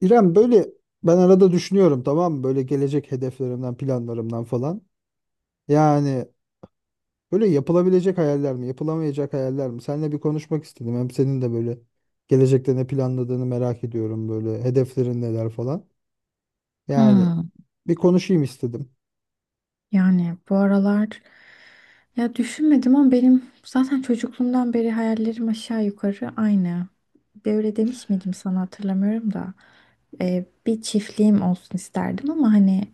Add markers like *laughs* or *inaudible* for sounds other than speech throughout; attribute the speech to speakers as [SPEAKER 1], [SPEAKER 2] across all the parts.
[SPEAKER 1] İrem böyle ben arada düşünüyorum tamam mı? Böyle gelecek hedeflerimden, planlarımdan falan. Yani böyle yapılabilecek hayaller mi, yapılamayacak hayaller mi? Seninle bir konuşmak istedim. Hem senin de böyle gelecekte ne planladığını merak ediyorum böyle hedeflerin neler falan. Yani
[SPEAKER 2] Hmm,
[SPEAKER 1] bir konuşayım istedim.
[SPEAKER 2] yani bu aralar, ya, düşünmedim ama benim zaten çocukluğumdan beri hayallerim aşağı yukarı aynı. Böyle demiş miydim sana hatırlamıyorum da. Bir çiftliğim olsun isterdim ama hani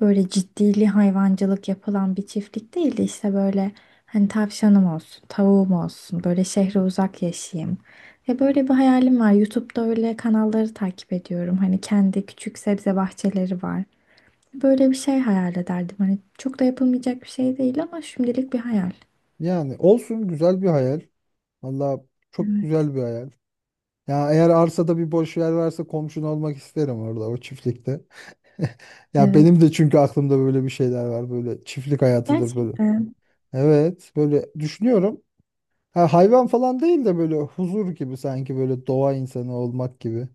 [SPEAKER 2] böyle ciddili hayvancılık yapılan bir çiftlik değil de işte böyle, hani tavşanım olsun, tavuğum olsun, böyle şehre uzak yaşayayım. Ya böyle bir hayalim var. YouTube'da öyle kanalları takip ediyorum. Hani kendi küçük sebze bahçeleri var. Böyle bir şey hayal ederdim. Hani çok da yapılmayacak bir şey değil ama şimdilik bir hayal.
[SPEAKER 1] Yani olsun güzel bir hayal. Valla çok
[SPEAKER 2] Evet.
[SPEAKER 1] güzel bir hayal. Ya eğer arsada bir boş yer varsa komşun olmak isterim orada o çiftlikte. *laughs* Ya
[SPEAKER 2] Evet.
[SPEAKER 1] benim de çünkü aklımda böyle bir şeyler var. Böyle çiftlik hayatıdır böyle.
[SPEAKER 2] Gerçekten.
[SPEAKER 1] Evet, böyle düşünüyorum. Ha, hayvan falan değil de böyle huzur gibi sanki böyle doğa insanı olmak gibi.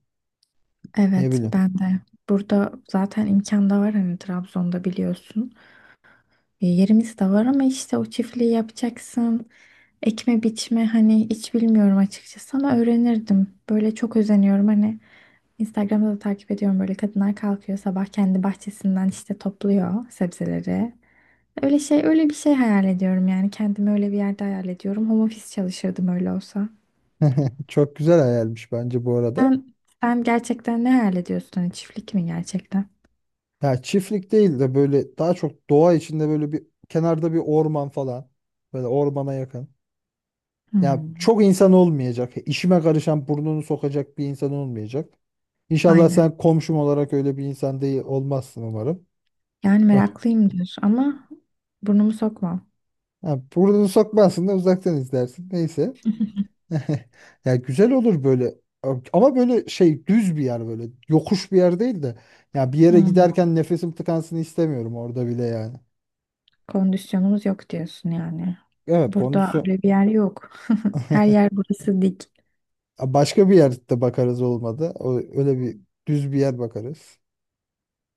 [SPEAKER 1] Ne
[SPEAKER 2] Evet
[SPEAKER 1] bileyim.
[SPEAKER 2] ben de. Burada zaten imkan da var hani, Trabzon'da biliyorsun. E, yerimiz de var ama işte o çiftliği yapacaksın. Ekme biçme hani hiç bilmiyorum açıkçası ama öğrenirdim. Böyle çok özeniyorum hani, Instagram'da da takip ediyorum, böyle kadınlar kalkıyor sabah kendi bahçesinden işte topluyor sebzeleri. Öyle şey, öyle bir şey hayal ediyorum yani. Kendimi öyle bir yerde hayal ediyorum. Home office çalışırdım öyle olsa.
[SPEAKER 1] Çok güzel hayalmiş bence bu arada.
[SPEAKER 2] Sen, sen gerçekten ne hayal ediyorsun? Hani çiftlik mi gerçekten?
[SPEAKER 1] Ya çiftlik değil de böyle daha çok doğa içinde böyle bir kenarda bir orman falan. Böyle ormana yakın. Ya
[SPEAKER 2] Hmm,
[SPEAKER 1] çok insan olmayacak. İşime karışan burnunu sokacak bir insan olmayacak. İnşallah
[SPEAKER 2] aynen.
[SPEAKER 1] sen komşum olarak öyle bir insan değil olmazsın umarım.
[SPEAKER 2] Yani
[SPEAKER 1] Eh,
[SPEAKER 2] meraklıyım diyorsun ama burnumu sokmam.
[SPEAKER 1] ha, burnunu sokmazsın da uzaktan izlersin. Neyse. *laughs* Ya güzel olur böyle ama böyle şey düz bir yer böyle yokuş bir yer değil de ya bir yere
[SPEAKER 2] Hmm,
[SPEAKER 1] giderken nefesim tıkansın istemiyorum orada bile yani.
[SPEAKER 2] kondisyonumuz yok diyorsun yani.
[SPEAKER 1] Evet
[SPEAKER 2] Burada
[SPEAKER 1] kondisyon.
[SPEAKER 2] öyle bir yer yok. *laughs* Her yer burası dik.
[SPEAKER 1] Ya başka bir yerde bakarız olmadı. O, öyle bir düz bir yer bakarız.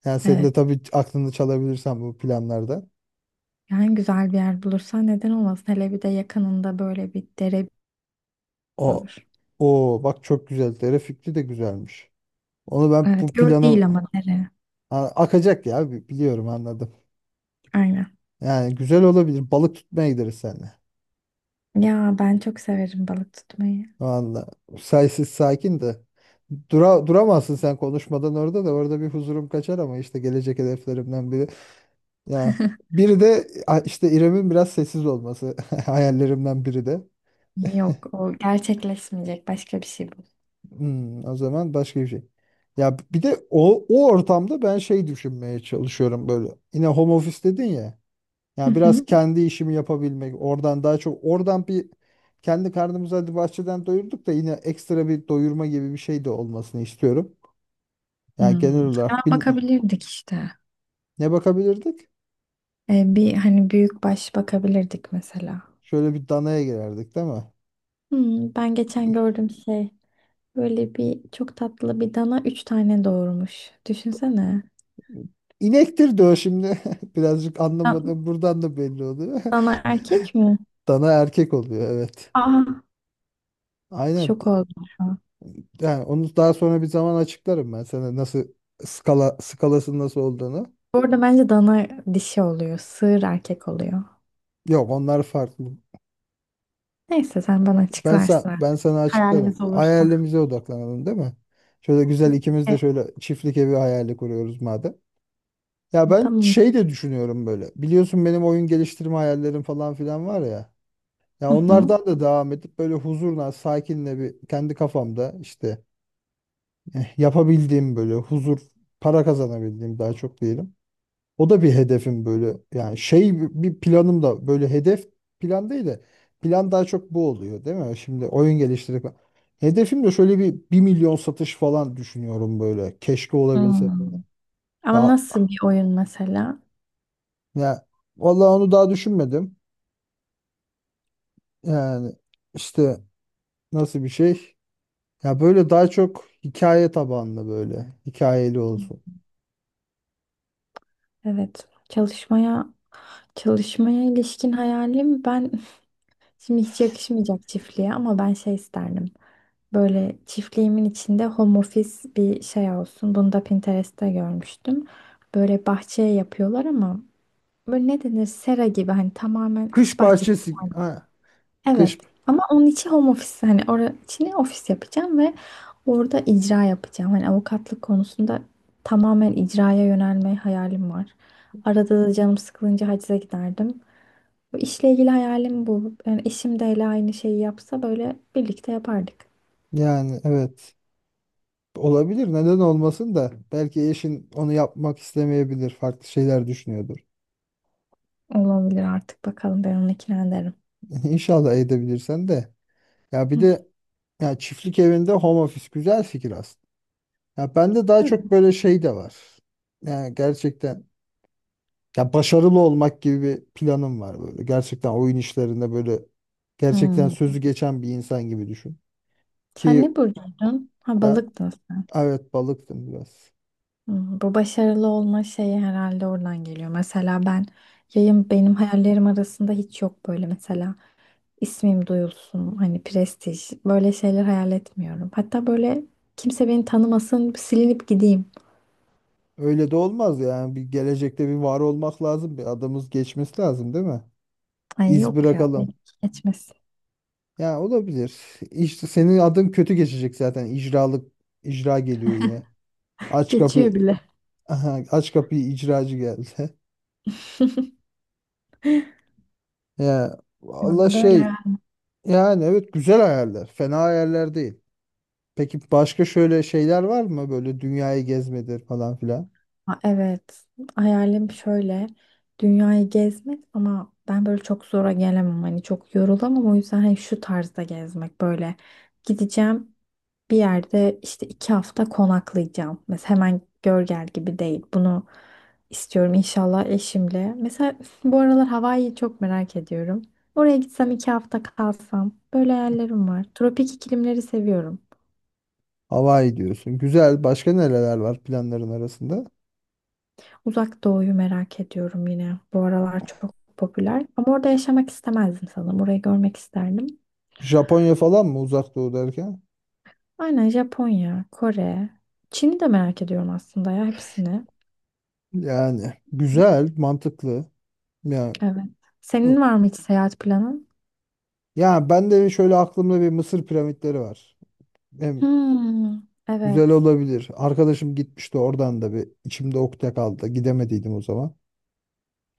[SPEAKER 1] Yani senin de
[SPEAKER 2] Evet.
[SPEAKER 1] tabii aklını çalabilirsen bu planlarda.
[SPEAKER 2] Yani güzel bir yer bulursan neden olmasın? Hele bir de yakınında böyle bir dere
[SPEAKER 1] O
[SPEAKER 2] olur.
[SPEAKER 1] o bak çok güzel. Dere fikri de güzelmiş. Onu ben
[SPEAKER 2] Evet,
[SPEAKER 1] bu
[SPEAKER 2] göl
[SPEAKER 1] planım.
[SPEAKER 2] değil ama dere.
[SPEAKER 1] Ha, akacak ya biliyorum anladım.
[SPEAKER 2] Aynen.
[SPEAKER 1] Yani güzel olabilir. Balık tutmaya gideriz seninle.
[SPEAKER 2] Ya ben çok severim balık tutmayı.
[SPEAKER 1] Vallahi saysiz sakin de. Duramazsın sen konuşmadan orada da orada bir huzurum kaçar ama işte gelecek hedeflerimden biri. Ya
[SPEAKER 2] *laughs*
[SPEAKER 1] biri de işte İrem'in biraz sessiz olması *laughs* hayallerimden biri de.
[SPEAKER 2] Yok, o gerçekleşmeyecek, başka bir şey bu.
[SPEAKER 1] O zaman başka bir şey. Ya bir de o ortamda ben şey düşünmeye çalışıyorum böyle. Yine home office dedin ya.
[SPEAKER 2] Hı
[SPEAKER 1] Ya biraz
[SPEAKER 2] hı.
[SPEAKER 1] kendi işimi yapabilmek. Oradan daha çok oradan bir kendi karnımızı hadi bahçeden doyurduk da yine ekstra bir doyurma gibi bir şey de olmasını istiyorum. Yani genel
[SPEAKER 2] Hmm. Hemen
[SPEAKER 1] olarak bil-
[SPEAKER 2] bakabilirdik işte.
[SPEAKER 1] ne bakabilirdik?
[SPEAKER 2] Bir hani büyük baş bakabilirdik mesela.
[SPEAKER 1] Şöyle bir danaya girerdik değil mi?
[SPEAKER 2] Hmm, ben geçen gördüm şey. Böyle bir çok tatlı bir dana üç tane doğurmuş. Düşünsene.
[SPEAKER 1] İnektir diyor şimdi. *laughs* Birazcık
[SPEAKER 2] Dan-
[SPEAKER 1] anlamadım. Buradan da belli oluyor.
[SPEAKER 2] Dana
[SPEAKER 1] *laughs*
[SPEAKER 2] erkek mi?
[SPEAKER 1] Dana erkek oluyor evet.
[SPEAKER 2] Aa,
[SPEAKER 1] Aynen.
[SPEAKER 2] şok oldum şu an.
[SPEAKER 1] Yani onu daha sonra bir zaman açıklarım ben sana nasıl skalasının nasıl olduğunu.
[SPEAKER 2] Bu arada bence dana dişi oluyor. Sığır erkek oluyor.
[SPEAKER 1] Yok onlar farklı.
[SPEAKER 2] Neyse sen bana açıklarsın
[SPEAKER 1] Ben
[SPEAKER 2] artık.
[SPEAKER 1] sana açıklarım.
[SPEAKER 2] Hayalimiz olursa.
[SPEAKER 1] Hayalimize odaklanalım değil mi? Şöyle güzel ikimiz de
[SPEAKER 2] Evet.
[SPEAKER 1] şöyle çiftlik evi hayali kuruyoruz madem. Ya ben
[SPEAKER 2] Tamam.
[SPEAKER 1] şey de düşünüyorum böyle. Biliyorsun benim oyun geliştirme hayallerim falan filan var ya. Ya
[SPEAKER 2] Hı hı.
[SPEAKER 1] onlardan da devam edip böyle huzurla, sakinle bir kendi kafamda işte eh, yapabildiğim böyle huzur, para kazanabildiğim daha çok diyelim. O da bir hedefim böyle. Yani şey bir planım da böyle hedef plan değil de plan daha çok bu oluyor değil mi? Şimdi oyun geliştirip hedefim de şöyle bir 1 milyon satış falan düşünüyorum böyle. Keşke olabilse falan.
[SPEAKER 2] Hmm. Ama
[SPEAKER 1] Ya,
[SPEAKER 2] nasıl bir oyun mesela?
[SPEAKER 1] ya vallahi onu daha düşünmedim. Yani işte nasıl bir şey? Ya böyle daha çok hikaye tabanlı böyle. Hikayeli olsun.
[SPEAKER 2] Evet. Çalışmaya ilişkin hayalim, ben *laughs* şimdi hiç yakışmayacak çiftliğe ama ben şey isterdim. Böyle çiftliğimin içinde home office bir şey olsun. Bunu da Pinterest'te görmüştüm. Böyle bahçeye yapıyorlar ama böyle, ne denir, sera gibi, hani tamamen kış
[SPEAKER 1] Kış
[SPEAKER 2] bahçesi.
[SPEAKER 1] bahçesi. Ha,
[SPEAKER 2] Evet.
[SPEAKER 1] kış.
[SPEAKER 2] Ama onun için home office, hani orası için ofis yapacağım ve orada icra yapacağım. Hani avukatlık konusunda tamamen icraya yönelme hayalim var. Arada da canım sıkılınca hacize giderdim. Bu işle ilgili hayalim bu. Yani eşim de hele aynı şeyi yapsa böyle birlikte yapardık.
[SPEAKER 1] Yani evet. Olabilir. Neden olmasın da. Belki eşin onu yapmak istemeyebilir. Farklı şeyler düşünüyordur.
[SPEAKER 2] Olabilir artık, bakalım ben onu ikna ederim.
[SPEAKER 1] *laughs* İnşallah edebilirsen de. Ya bir
[SPEAKER 2] Hı.
[SPEAKER 1] de ya çiftlik evinde home office güzel fikir aslında. Ya bende daha
[SPEAKER 2] Değil mi?
[SPEAKER 1] çok böyle şey de var. Yani gerçekten. Ya başarılı olmak gibi bir planım var böyle. Gerçekten oyun işlerinde böyle gerçekten
[SPEAKER 2] Hmm.
[SPEAKER 1] sözü geçen bir insan gibi düşün.
[SPEAKER 2] Sen
[SPEAKER 1] Ki
[SPEAKER 2] ne burcuydun? Ha,
[SPEAKER 1] ben
[SPEAKER 2] balıktın.
[SPEAKER 1] evet balıktım biraz.
[SPEAKER 2] Hmm, bu başarılı olma şeyi herhalde oradan geliyor. Mesela ben, yayın benim hayallerim arasında hiç yok böyle, mesela ismim duyulsun, hani prestij, böyle şeyler hayal etmiyorum. Hatta böyle kimse beni tanımasın, silinip gideyim.
[SPEAKER 1] Öyle de olmaz yani bir gelecekte bir var olmak lazım. Bir adımız geçmesi lazım değil mi?
[SPEAKER 2] Ay
[SPEAKER 1] İz
[SPEAKER 2] yok ya, benim
[SPEAKER 1] bırakalım.
[SPEAKER 2] geçmesin.
[SPEAKER 1] Ya olabilir. İşte senin adın kötü geçecek zaten. İcra geliyor yine. Aç kapı.
[SPEAKER 2] Geçiyor
[SPEAKER 1] *laughs*
[SPEAKER 2] bile.
[SPEAKER 1] Aha, aç kapıyı icracı geldi. *laughs* Ya valla
[SPEAKER 2] Bilmiyorum. Böyle,
[SPEAKER 1] şey yani evet güzel hayaller. Fena hayaller değil. Peki başka şöyle şeyler var mı? Böyle dünyayı gezmedir falan filan.
[SPEAKER 2] ha, evet, hayalim şöyle, dünyayı gezmek ama ben böyle çok zora gelemem, hani çok yorulamam, o yüzden hani şu tarzda gezmek, böyle gideceğim bir yerde işte 2 hafta konaklayacağım mesela, hemen gör gel gibi değil. Bunu istiyorum inşallah eşimle mesela. *laughs* Bu aralar Hawaii'yi çok merak ediyorum, oraya gitsem 2 hafta kalsam, böyle hayallerim var. Tropik iklimleri seviyorum.
[SPEAKER 1] Hawaii diyorsun. Güzel. Başka nereler var planların arasında?
[SPEAKER 2] Uzak Doğu'yu merak ediyorum yine. Bu aralar çok popüler. Ama orada yaşamak istemezdim sanırım. Orayı görmek isterdim.
[SPEAKER 1] Japonya falan mı uzak doğu derken?
[SPEAKER 2] Aynen, Japonya, Kore, Çin'i de merak ediyorum aslında, ya hepsini.
[SPEAKER 1] Yani güzel, mantıklı. Yani
[SPEAKER 2] Evet. Senin var mı hiç seyahat planın?
[SPEAKER 1] ya ben de şöyle aklımda bir Mısır piramitleri var. Hem
[SPEAKER 2] Hmm,
[SPEAKER 1] güzel
[SPEAKER 2] evet.
[SPEAKER 1] olabilir. Arkadaşım gitmişti oradan da bir içimde ukde kaldı. Gidemediydim o zaman.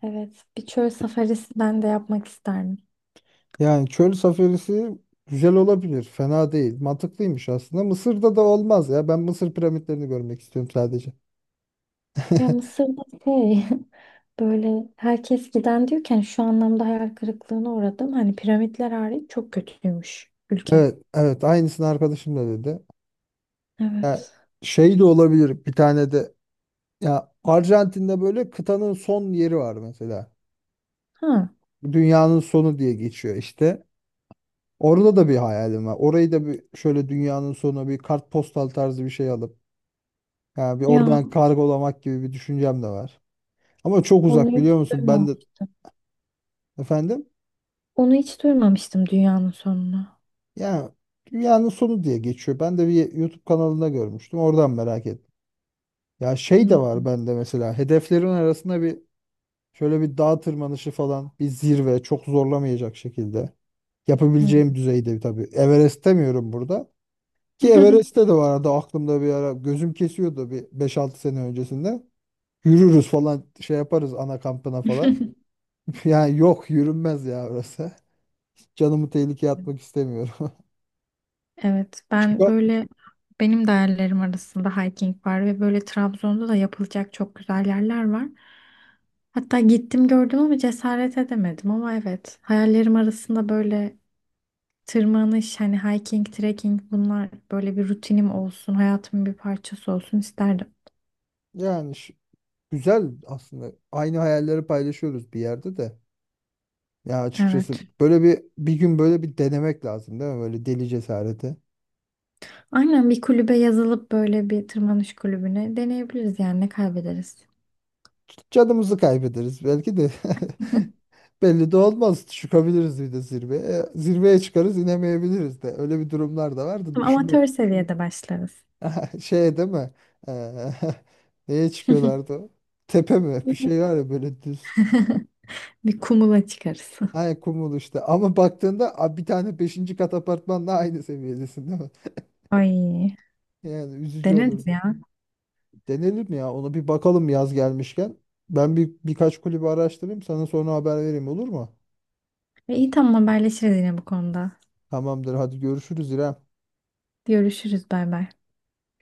[SPEAKER 2] Evet. Bir çöl safarisi ben de yapmak isterdim.
[SPEAKER 1] Yani çöl safarisi güzel olabilir. Fena değil. Mantıklıymış aslında. Mısır'da da olmaz ya. Ben Mısır piramitlerini görmek istiyorum sadece.
[SPEAKER 2] Ya
[SPEAKER 1] *laughs*
[SPEAKER 2] Mısır'da şey, *laughs* böyle herkes giden diyorken şu anlamda hayal kırıklığına uğradım. Hani piramitler hariç çok kötüymüş ülke.
[SPEAKER 1] Evet, evet, aynısını arkadaşım da dedi. Ya
[SPEAKER 2] Evet.
[SPEAKER 1] şey de olabilir bir tane de ya Arjantin'de böyle kıtanın son yeri var mesela.
[SPEAKER 2] Ha.
[SPEAKER 1] Dünyanın sonu diye geçiyor işte. Orada da bir hayalim var. Orayı da bir şöyle dünyanın sonu bir kartpostal tarzı bir şey alıp yani bir
[SPEAKER 2] Ya,
[SPEAKER 1] oradan kargolamak gibi bir düşüncem de var. Ama çok
[SPEAKER 2] onu
[SPEAKER 1] uzak
[SPEAKER 2] hiç
[SPEAKER 1] biliyor musun? Ben de
[SPEAKER 2] duymamıştım.
[SPEAKER 1] efendim
[SPEAKER 2] Onu hiç duymamıştım, dünyanın sonunu.
[SPEAKER 1] ya dünyanın sonu diye geçiyor. Ben de bir YouTube kanalında görmüştüm. Oradan merak ettim. Ya şey de
[SPEAKER 2] Hmm.
[SPEAKER 1] var bende mesela hedeflerin arasında bir şöyle bir dağ tırmanışı falan bir zirve çok zorlamayacak şekilde
[SPEAKER 2] Hmm.
[SPEAKER 1] yapabileceğim düzeyde tabii. Everest demiyorum burada. Ki Everest'te de
[SPEAKER 2] *laughs*
[SPEAKER 1] vardı aklımda bir ara. Gözüm kesiyordu bir 5-6 sene öncesinde. Yürürüz falan şey yaparız ana kampına falan. *laughs* Yani yok yürünmez ya orası. Hiç canımı tehlikeye atmak istemiyorum.
[SPEAKER 2] Evet,
[SPEAKER 1] *laughs*
[SPEAKER 2] ben
[SPEAKER 1] Chica-
[SPEAKER 2] böyle, benim de hayallerim arasında hiking var ve böyle Trabzon'da da yapılacak çok güzel yerler var. Hatta gittim gördüm ama cesaret edemedim, ama evet hayallerim arasında böyle tırmanış, hani hiking, trekking, bunlar böyle bir rutinim olsun, hayatımın bir parçası olsun isterdim.
[SPEAKER 1] Yani güzel aslında. Aynı hayalleri paylaşıyoruz bir yerde de. Ya açıkçası
[SPEAKER 2] Evet.
[SPEAKER 1] böyle bir gün böyle bir denemek lazım değil mi? Böyle deli cesareti.
[SPEAKER 2] Aynen, bir kulübe yazılıp böyle bir tırmanış kulübüne deneyebiliriz yani, ne kaybederiz.
[SPEAKER 1] Canımızı kaybederiz belki de. *laughs* Belli de olmaz. Çıkabiliriz bir de zirveye. Zirveye çıkarız inemeyebiliriz de. Öyle bir durumlar da vardı.
[SPEAKER 2] Ama
[SPEAKER 1] Düşünme.
[SPEAKER 2] amatör seviyede başlarız.
[SPEAKER 1] *laughs* Şey değil mi? Eee, *laughs* neye çıkıyorlardı? Tepe mi? Bir şey var ya böyle düz.
[SPEAKER 2] Bir kumula çıkarız.
[SPEAKER 1] Ay kumul işte. Ama baktığında bir tane beşinci kat apartmanla aynı seviyedesin değil mi?
[SPEAKER 2] *laughs* Ay,
[SPEAKER 1] Yani üzücü
[SPEAKER 2] deneriz
[SPEAKER 1] olurdu.
[SPEAKER 2] ya.
[SPEAKER 1] Denelim ya. Ona bir bakalım yaz gelmişken. Ben birkaç kulübü araştırayım. Sana sonra haber vereyim olur mu?
[SPEAKER 2] E, iyi, tamam, haberleşiriz yine bu konuda.
[SPEAKER 1] Tamamdır. Hadi görüşürüz İrem.
[SPEAKER 2] Görüşürüz, bay bay.